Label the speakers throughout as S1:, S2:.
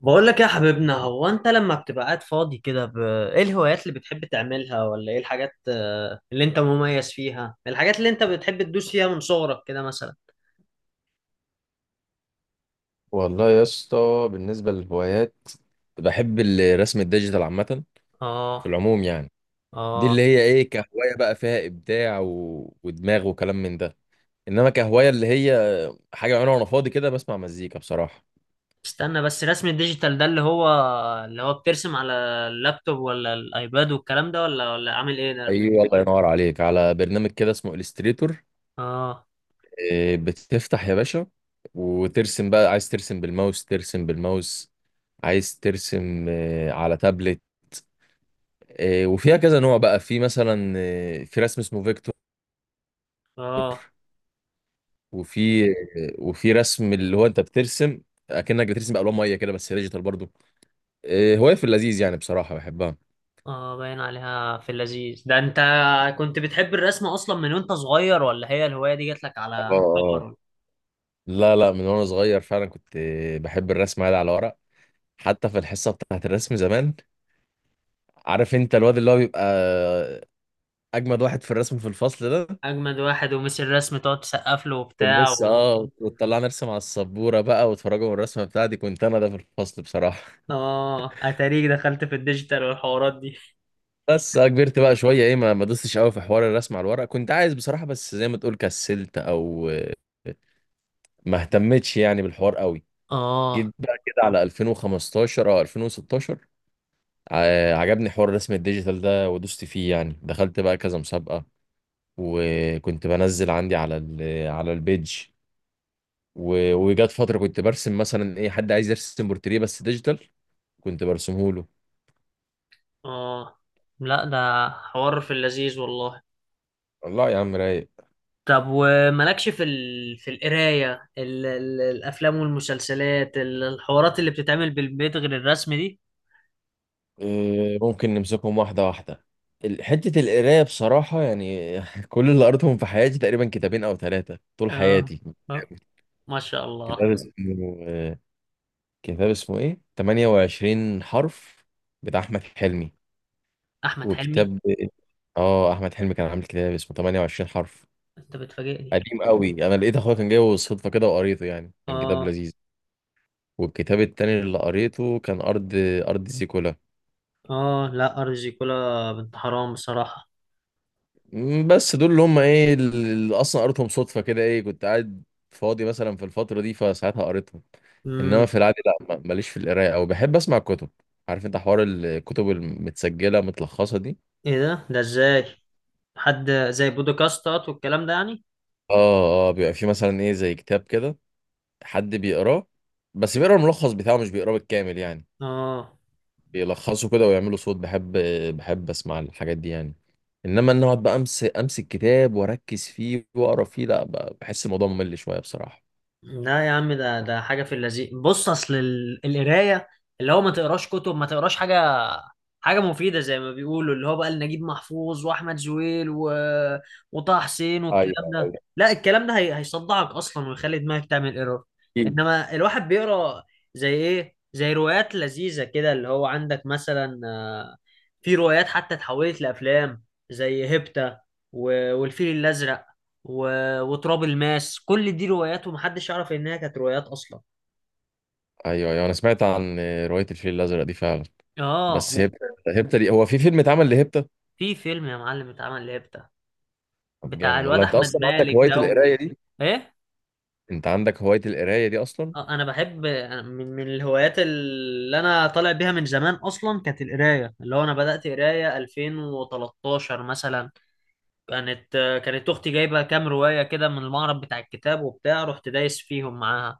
S1: بقول لك يا حبيبنا، هو انت لما بتبقى قاعد فاضي كده ايه الهوايات اللي بتحب تعملها، ولا ايه الحاجات اللي انت مميز فيها، الحاجات اللي انت بتحب تدوس فيها من صغرك كده مثلا؟
S2: والله يا اسطى، بالنسبة للهوايات بحب الرسم الديجيتال عامة، في
S1: اه.
S2: العموم يعني. دي اللي
S1: اه.
S2: هي ايه كهواية، بقى فيها إبداع ودماغ وكلام من ده. إنما كهواية اللي هي حاجة بعملها وأنا فاضي كده، بسمع مزيكا بصراحة.
S1: استنى بس، رسم الديجيتال ده اللي هو بترسم على اللابتوب ولا الايباد والكلام ده، ولا عامل ايه ده؟
S2: أيوة، الله ينور عليك، على برنامج كده اسمه إليستريتور.
S1: اه.
S2: بتفتح يا باشا وترسم بقى، عايز ترسم بالماوس ترسم بالماوس، عايز ترسم على تابلت. وفيها كذا نوع بقى، في مثلا في رسم اسمه فيكتور.
S1: اه.
S2: وفي وفي رسم اللي هو انت بترسم اكنك بترسم بالوان ميه كده، بس ديجيتال برضو. هوايه في اللذيذ يعني، بصراحه بحبها.
S1: اه، باين عليها في اللذيذ ده. انت كنت بتحب الرسم اصلا من وانت صغير، ولا هي الهواية دي جات لك على
S2: اه، اه،
S1: كبر؟
S2: لا، لا، من وانا صغير فعلا كنت بحب الرسم عادي على ورق. حتى في الحصه بتاعت الرسم زمان، عارف انت الواد اللي هو بيبقى اجمد واحد في الرسم في الفصل ده.
S1: اجمد واحد ومسي الرسم تقعد تسقف له وبتاع
S2: والمس وتطلعنا نرسم على السبوره بقى، وتفرجوا من الرسمه بتاعتي، كنت انا ده في الفصل بصراحه.
S1: اه، اتاريك دخلت في الديجيتال والحوارات دي.
S2: بس كبرت بقى شويه، ما دوستش قوي في حوار الرسم على الورق، كنت عايز بصراحه بس زي ما تقول كسلت، او ما اهتمتش يعني بالحوار قوي.
S1: اه.
S2: جيت بقى كده على 2015 او 2016. عجبني حوار الرسم الديجيتال ده، ودوست فيه يعني، دخلت بقى كذا مسابقة، وكنت بنزل عندي على البيج. و- وجات فترة كنت برسم مثلا، حد عايز يرسم بورتريه بس ديجيتال كنت برسمه له.
S1: اه، لا ده حوار في اللذيذ والله.
S2: والله يا عم، رايق.
S1: طب ومالكش في في القرايه، الافلام والمسلسلات، الحوارات اللي بتتعمل بالبيت غير الرسم دي؟
S2: ممكن نمسكهم واحدة واحدة. حتة القراية بصراحة يعني، كل اللي قريتهم في حياتي تقريبا كتابين أو ثلاثة، طول
S1: اه.
S2: حياتي.
S1: آه. ما شاء الله.
S2: كتاب اسمه آه، كتاب اسمه إيه؟ 28 حرف بتاع أحمد حلمي.
S1: احمد حلمي؟
S2: وكتاب أحمد حلمي كان عامل كتاب اسمه 28 حرف،
S1: انت بتفاجئني.
S2: قديم قوي. أنا لقيت أخويا كان جايبه بالصدفة كده، وقريته، يعني كان كتاب
S1: اه.
S2: لذيذ. والكتاب التاني اللي قريته كان أرض زيكولا.
S1: اه، لا ارض زيكولا بنت حرام بصراحه.
S2: بس دول اللي هم اللي اصلا قريتهم صدفه كده، كنت قاعد فاضي مثلا في الفتره دي، فساعتها قريتهم. انما
S1: امم.
S2: في العادي لا، ماليش في القرايه، او بحب اسمع الكتب. عارف انت حوار الكتب المتسجله متلخصه دي؟
S1: ايه ده ازاي؟ حد زي بودكاستات والكلام ده يعني؟
S2: اه، اه، بيبقى في مثلا زي كتاب كده، حد بيقراه، بس بيقرا الملخص بتاعه، مش بيقراه بالكامل يعني.
S1: اه.
S2: بيلخصوا كده ويعملوا صوت. بحب اسمع الحاجات دي يعني. انما ان اقعد بقى امسك كتاب واركز فيه واقرا فيه، لا بحس الموضوع ممل شويه بصراحه.
S1: لا يا عم، ده حاجة في اللذيذ. بص، أصل القراية اللي هو ما تقراش كتب، ما تقراش حاجة، حاجة مفيدة زي ما بيقولوا، اللي هو بقى نجيب محفوظ وأحمد زويل وطه حسين والكلام ده،
S2: ايوه،
S1: لا، الكلام ده هيصدعك أصلا ويخلي دماغك تعمل ايرور.
S2: أكيد.
S1: إنما الواحد بيقرا زي إيه، زي روايات لذيذة كده، اللي هو عندك مثلا في روايات حتى اتحولت لأفلام، زي هيبتا، والفيل الأزرق وتراب الماس. كل دي روايات ومحدش يعرف انها كانت روايات اصلا.
S2: ايوه، ايوه، انا سمعت عن روايه الفيل الازرق دي فعلا.
S1: اه.
S2: بس هبته. هبته دي، هو في فيلم اتعمل لهبته؟
S1: في فيلم يا معلم اتعمل ليه بتاع،
S2: طب
S1: بتاع
S2: جامد والله،
S1: الواد
S2: انت
S1: احمد
S2: اصلا عندك
S1: مالك
S2: هوايه
S1: ده
S2: القرايه دي.
S1: ايه.
S2: انت عندك هوايه القرايه دي اصلا؟
S1: انا بحب. أنا من الهوايات اللي انا طالع بيها من زمان اصلا كانت القرايه. اللي هو انا بدات قرايه 2013 مثلا. كانت كانت اختي جايبه كام روايه كده من المعرض بتاع الكتاب وبتاع، رحت دايس فيهم معاها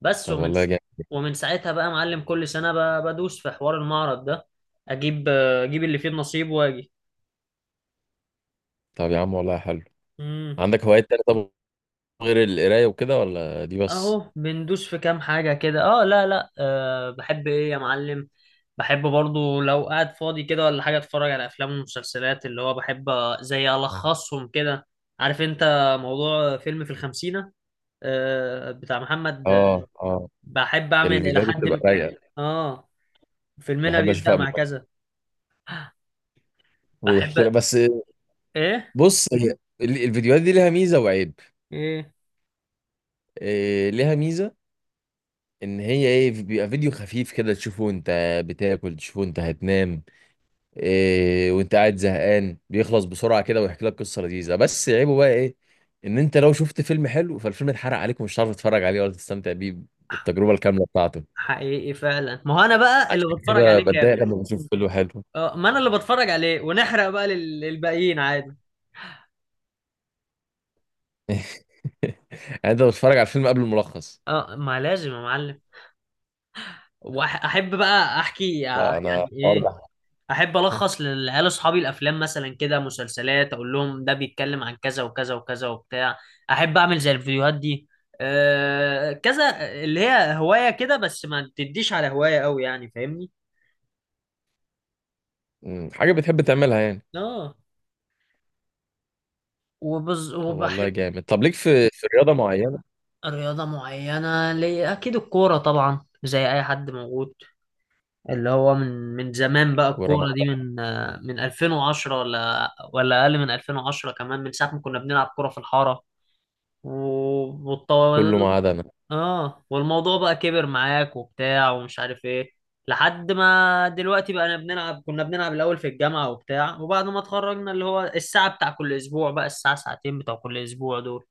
S1: بس.
S2: طب
S1: ومن
S2: والله جامد.
S1: ومن ساعتها بقى معلم كل سنة بدوس في حوار المعرض ده، اجيب اللي فيه النصيب واجي.
S2: طب يا عم والله حلو.
S1: امم.
S2: عندك هوايات تانية طب، غير القرايه وكده، ولا دي بس؟
S1: اهو بندوس في كام حاجة كده. اه، لا لا، بحب ايه يا معلم، بحب برضو لو قاعد فاضي كده ولا حاجة اتفرج على افلام ومسلسلات، اللي هو بحب زي الخصهم كده. عارف انت موضوع فيلم في الخمسينة، بتاع محمد؟
S2: اه، اه،
S1: بحب اعمل الى
S2: الفيديوهات دي
S1: حد
S2: بتبقى رايقه،
S1: اه. فيلمنا
S2: بحب
S1: بيبدأ
S2: اشوفها قبل
S1: مع
S2: ما
S1: كذا. بحب.
S2: ويحكي لك بس.
S1: ايه.
S2: بص هي الفيديوهات دي لها ميزه وعيب.
S1: ايه.
S2: ليها ميزه، ان هي بيبقى فيديو خفيف كده تشوفه انت بتاكل، تشوفه انت هتنام، وانت قاعد زهقان بيخلص بسرعه كده، ويحكي لك قصه لذيذه. بس عيبه بقى ايه؟ ان انت لو شفت فيلم حلو فالفيلم اتحرق عليك، ومش هتعرف تتفرج عليه ولا تستمتع بيه بالتجربه الكامله بتاعته.
S1: حقيقي فعلا، ما هو انا بقى
S2: عشان
S1: اللي بتفرج
S2: كده
S1: عليه
S2: بتضايق
S1: كامل.
S2: لما بشوف فيلم حلو.
S1: اه، ما انا اللي بتفرج عليه ونحرق بقى للباقيين عادي.
S2: يعني انت بتتفرج على الفيلم قبل الملخص؟
S1: اه، ما لازم يا معلم. واحب بقى احكي
S2: لا انا
S1: يعني
S2: الحوار
S1: ايه،
S2: ده.
S1: احب الخص للعيال اصحابي الافلام، مثلا كده مسلسلات، اقول لهم ده بيتكلم عن كذا وكذا وكذا وبتاع. احب اعمل زي الفيديوهات دي، كذا. اللي هي هواية كده بس، ما تديش على هواية قوي يعني، فاهمني؟
S2: حاجه بتحب تعملها يعني.
S1: اه.
S2: طب والله
S1: وبحب.
S2: جامد. طب ليك في رياضه معينه؟
S1: رياضة معينة لي؟ أكيد الكورة طبعا، زي أي حد موجود، اللي هو من زمان بقى
S2: كوره، ما
S1: الكورة
S2: عدا
S1: دي، من من 2010، ولا أقل من 2010 كمان، من ساعة ما كنا بنلعب كورة في الحارة.
S2: كله، ما
S1: والطول،
S2: عدا انا.
S1: والموضوع بقى كبر معاك وبتاع ومش عارف إيه، لحد ما دلوقتي بقى كنا بنلعب الأول في الجامعة وبتاع، وبعد ما اتخرجنا اللي هو الساعة بتاع كل أسبوع، بقى الساعة ساعتين بتوع كل أسبوع دول.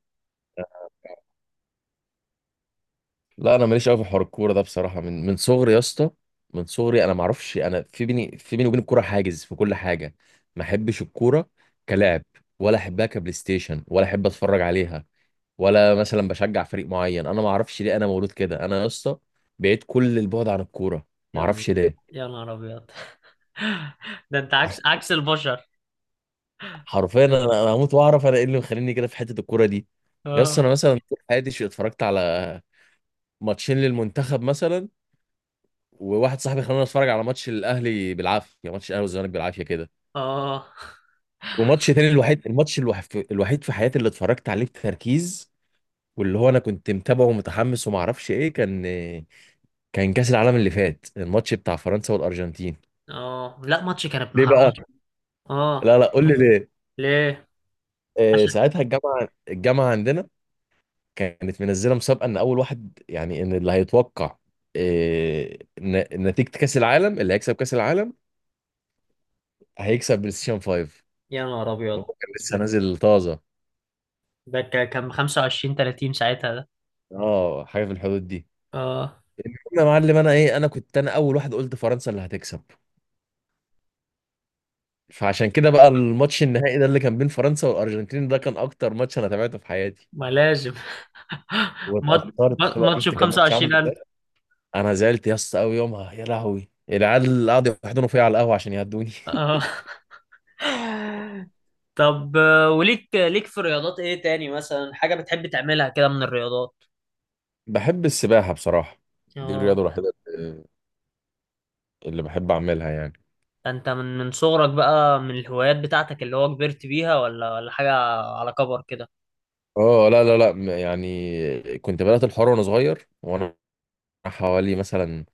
S2: لا انا ماليش قوي في حوار الكوره ده بصراحه، من صغري يا اسطى. من صغري انا ما اعرفش، انا في بيني وبين الكوره حاجز في كل حاجه. ما احبش الكوره كلاعب، ولا احبها كبلاي ستيشن، ولا احب اتفرج عليها، ولا مثلا بشجع فريق معين. انا ما اعرفش ليه، انا مولود كده، انا يا اسطى بعيد كل البعد عن الكوره، ما
S1: يلا.
S2: اعرفش ليه.
S1: يا نهار أبيض. ده انت عكس البشر.
S2: حرفيا انا هموت واعرف انا ايه اللي مخليني كده في حته الكوره دي. يا اسطى انا
S1: اه.
S2: مثلا طول حياتي اتفرجت على ماتشين للمنتخب مثلا، وواحد صاحبي خلاني اتفرج على ماتش الاهلي بالعافيه، يعني ماتش الاهلي والزمالك بالعافيه كده.
S1: اه.
S2: وماتش تاني، الوحيد الماتش الوحيد في حياتي اللي اتفرجت عليه بتركيز، واللي هو انا كنت متابعه ومتحمس، وما اعرفش كان كاس العالم اللي فات، الماتش بتاع فرنسا والارجنتين.
S1: اه، لا ماتش كان ابن
S2: ليه
S1: حرام.
S2: بقى؟
S1: اه.
S2: لا، لا، قول لي ليه.
S1: ليه؟ عشان،
S2: ساعتها الجامعه عندنا كانت منزله مسابقه، ان اول واحد يعني، ان اللي هيتوقع نتيجه كاس العالم، اللي هيكسب كاس العالم هيكسب بلاي ستيشن 5.
S1: يا نهار
S2: هو
S1: ابيض،
S2: كان لسه نازل طازه.
S1: ده كان 25 30 ساعتها ده.
S2: اه، حاجه في الحدود دي.
S1: اه،
S2: يا معلم، انا ايه انا كنت انا اول واحد قلت فرنسا اللي هتكسب. فعشان كده بقى الماتش النهائي ده اللي كان بين فرنسا والارجنتين ده كان اكتر ماتش انا تابعته في حياتي.
S1: ما لازم.
S2: واتأثرت بقى،
S1: ماتش ب
S2: شفت كان ماتش عامل
S1: 25,000.
S2: ازاي. انا زعلت يا اسطى قوي يومها، يا لهوي، العيال اللي قعدوا يحضنوا فيا على القهوه عشان يهدوني.
S1: اه. طب وليك في رياضات ايه تاني مثلا، حاجة بتحب تعملها كده من الرياضات؟
S2: بحب السباحه بصراحه. دي الرياضه
S1: اه.
S2: الوحيده اللي بحب اعملها يعني.
S1: ده انت من صغرك بقى من الهوايات بتاعتك، اللي هو كبرت بيها، ولا حاجة على كبر كده؟
S2: اه، لا، لا، لا، يعني كنت بدأت الحوار وانا صغير، وانا حوالي مثلا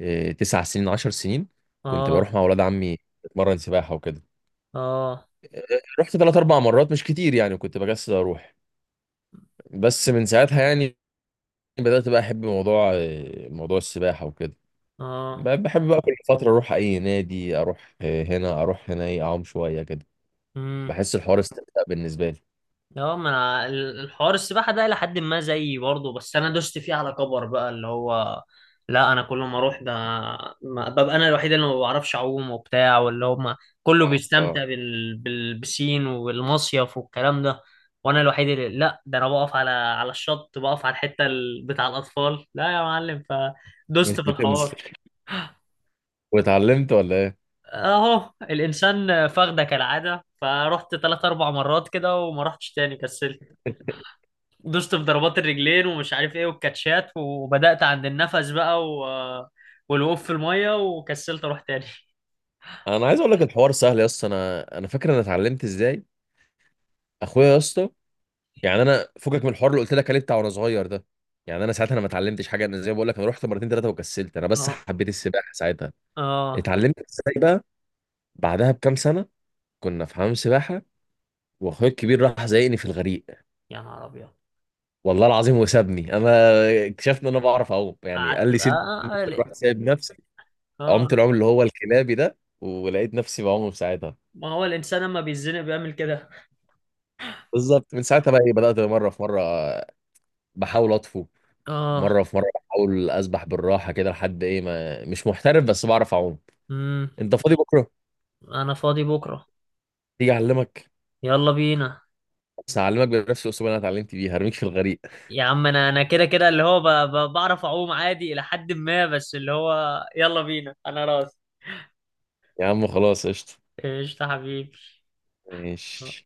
S2: 9 سنين 10 سنين. كنت بروح
S1: اه.
S2: مع ولاد عمي اتمرن سباحه وكده.
S1: اه.
S2: رحت ثلاث اربع مرات، مش كتير يعني، كنت بكسل اروح. بس من ساعتها يعني بدات بقى احب موضوع السباحه وكده.
S1: اه.
S2: بحب بقى كل فتره اروح اي نادي، اروح هنا اروح هنا، اعوم شويه كده.
S1: امم.
S2: بحس الحوار استمتاع بالنسبه لي.
S1: اه، ما أنا الحوار السباحه ده الى حد ما زيي برضه، بس انا دوست فيه على كبر بقى. اللي هو لا، انا كل ما اروح ده ببقى انا الوحيد اللي ما بعرفش اعوم وبتاع، واللي هم كله
S2: اه، آه.
S1: بيستمتع بالبسين والمصيف والكلام ده، وانا الوحيد اللي لا. ده انا بقف على الشط، بقف على الحته بتاع الاطفال، لا يا معلم.
S2: مش
S1: فدوست في
S2: بتنزل؟
S1: الحوار.
S2: واتعلمت ولا ايه؟
S1: اهو الانسان فخده كالعاده، فرحت 3 4 مرات كده وما رحتش تاني، كسلت. دوست في ضربات الرجلين ومش عارف ايه والكاتشات، وبدأت عند النفس بقى والوقوف في المية، وكسلت اروح تاني.
S2: انا عايز اقول لك الحوار سهل يا اسطى. انا فاكر انا اتعلمت ازاي. اخويا يا اسطى، يعني انا فكك من الحوار اللي قلت لك عليه بتاع وانا صغير ده. يعني انا ساعتها انا ما اتعلمتش حاجه، انا زي ما بقول لك انا رحت مرتين ثلاثه وكسلت، انا بس
S1: اه.
S2: حبيت السباحه ساعتها.
S1: اه.
S2: اتعلمت ازاي بقى؟ بعدها بكام سنه كنا في حمام سباحه، واخويا الكبير راح زايقني في الغريق.
S1: يا نهار ابيض.
S2: والله العظيم، وسابني. انا اكتشفت ان انا بعرف اعوم يعني، قال
S1: قعدت
S2: لي سيب
S1: بقى. اه،
S2: نفسك،
S1: ليه؟
S2: رحت سايب نفسي، عمت
S1: آه.
S2: العوم اللي هو الكلابي ده، ولقيت نفسي بعوم في ساعتها.
S1: ما هو الانسان لما بيتزنق بيعمل كده.
S2: بالظبط، من ساعتها بقى بدات مره في مره بحاول اطفو،
S1: اه.
S2: مره في مره بحاول اسبح بالراحه كده، لحد ما مش محترف بس بعرف اعوم.
S1: امم.
S2: انت فاضي بكره؟
S1: انا فاضي بكرة.
S2: تيجي اعلمك.
S1: يلا بينا.
S2: بس هعلمك بنفس الاسلوب اللي انا اتعلمت بيه، هرميك في الغريق.
S1: يا عم انا كده كده، اللي هو بعرف اعوم عادي الى حد ما، بس اللي هو يلا بينا، انا راضي.
S2: يا عم خلاص قشطه.
S1: قشطة حبيبي.
S2: ماشي.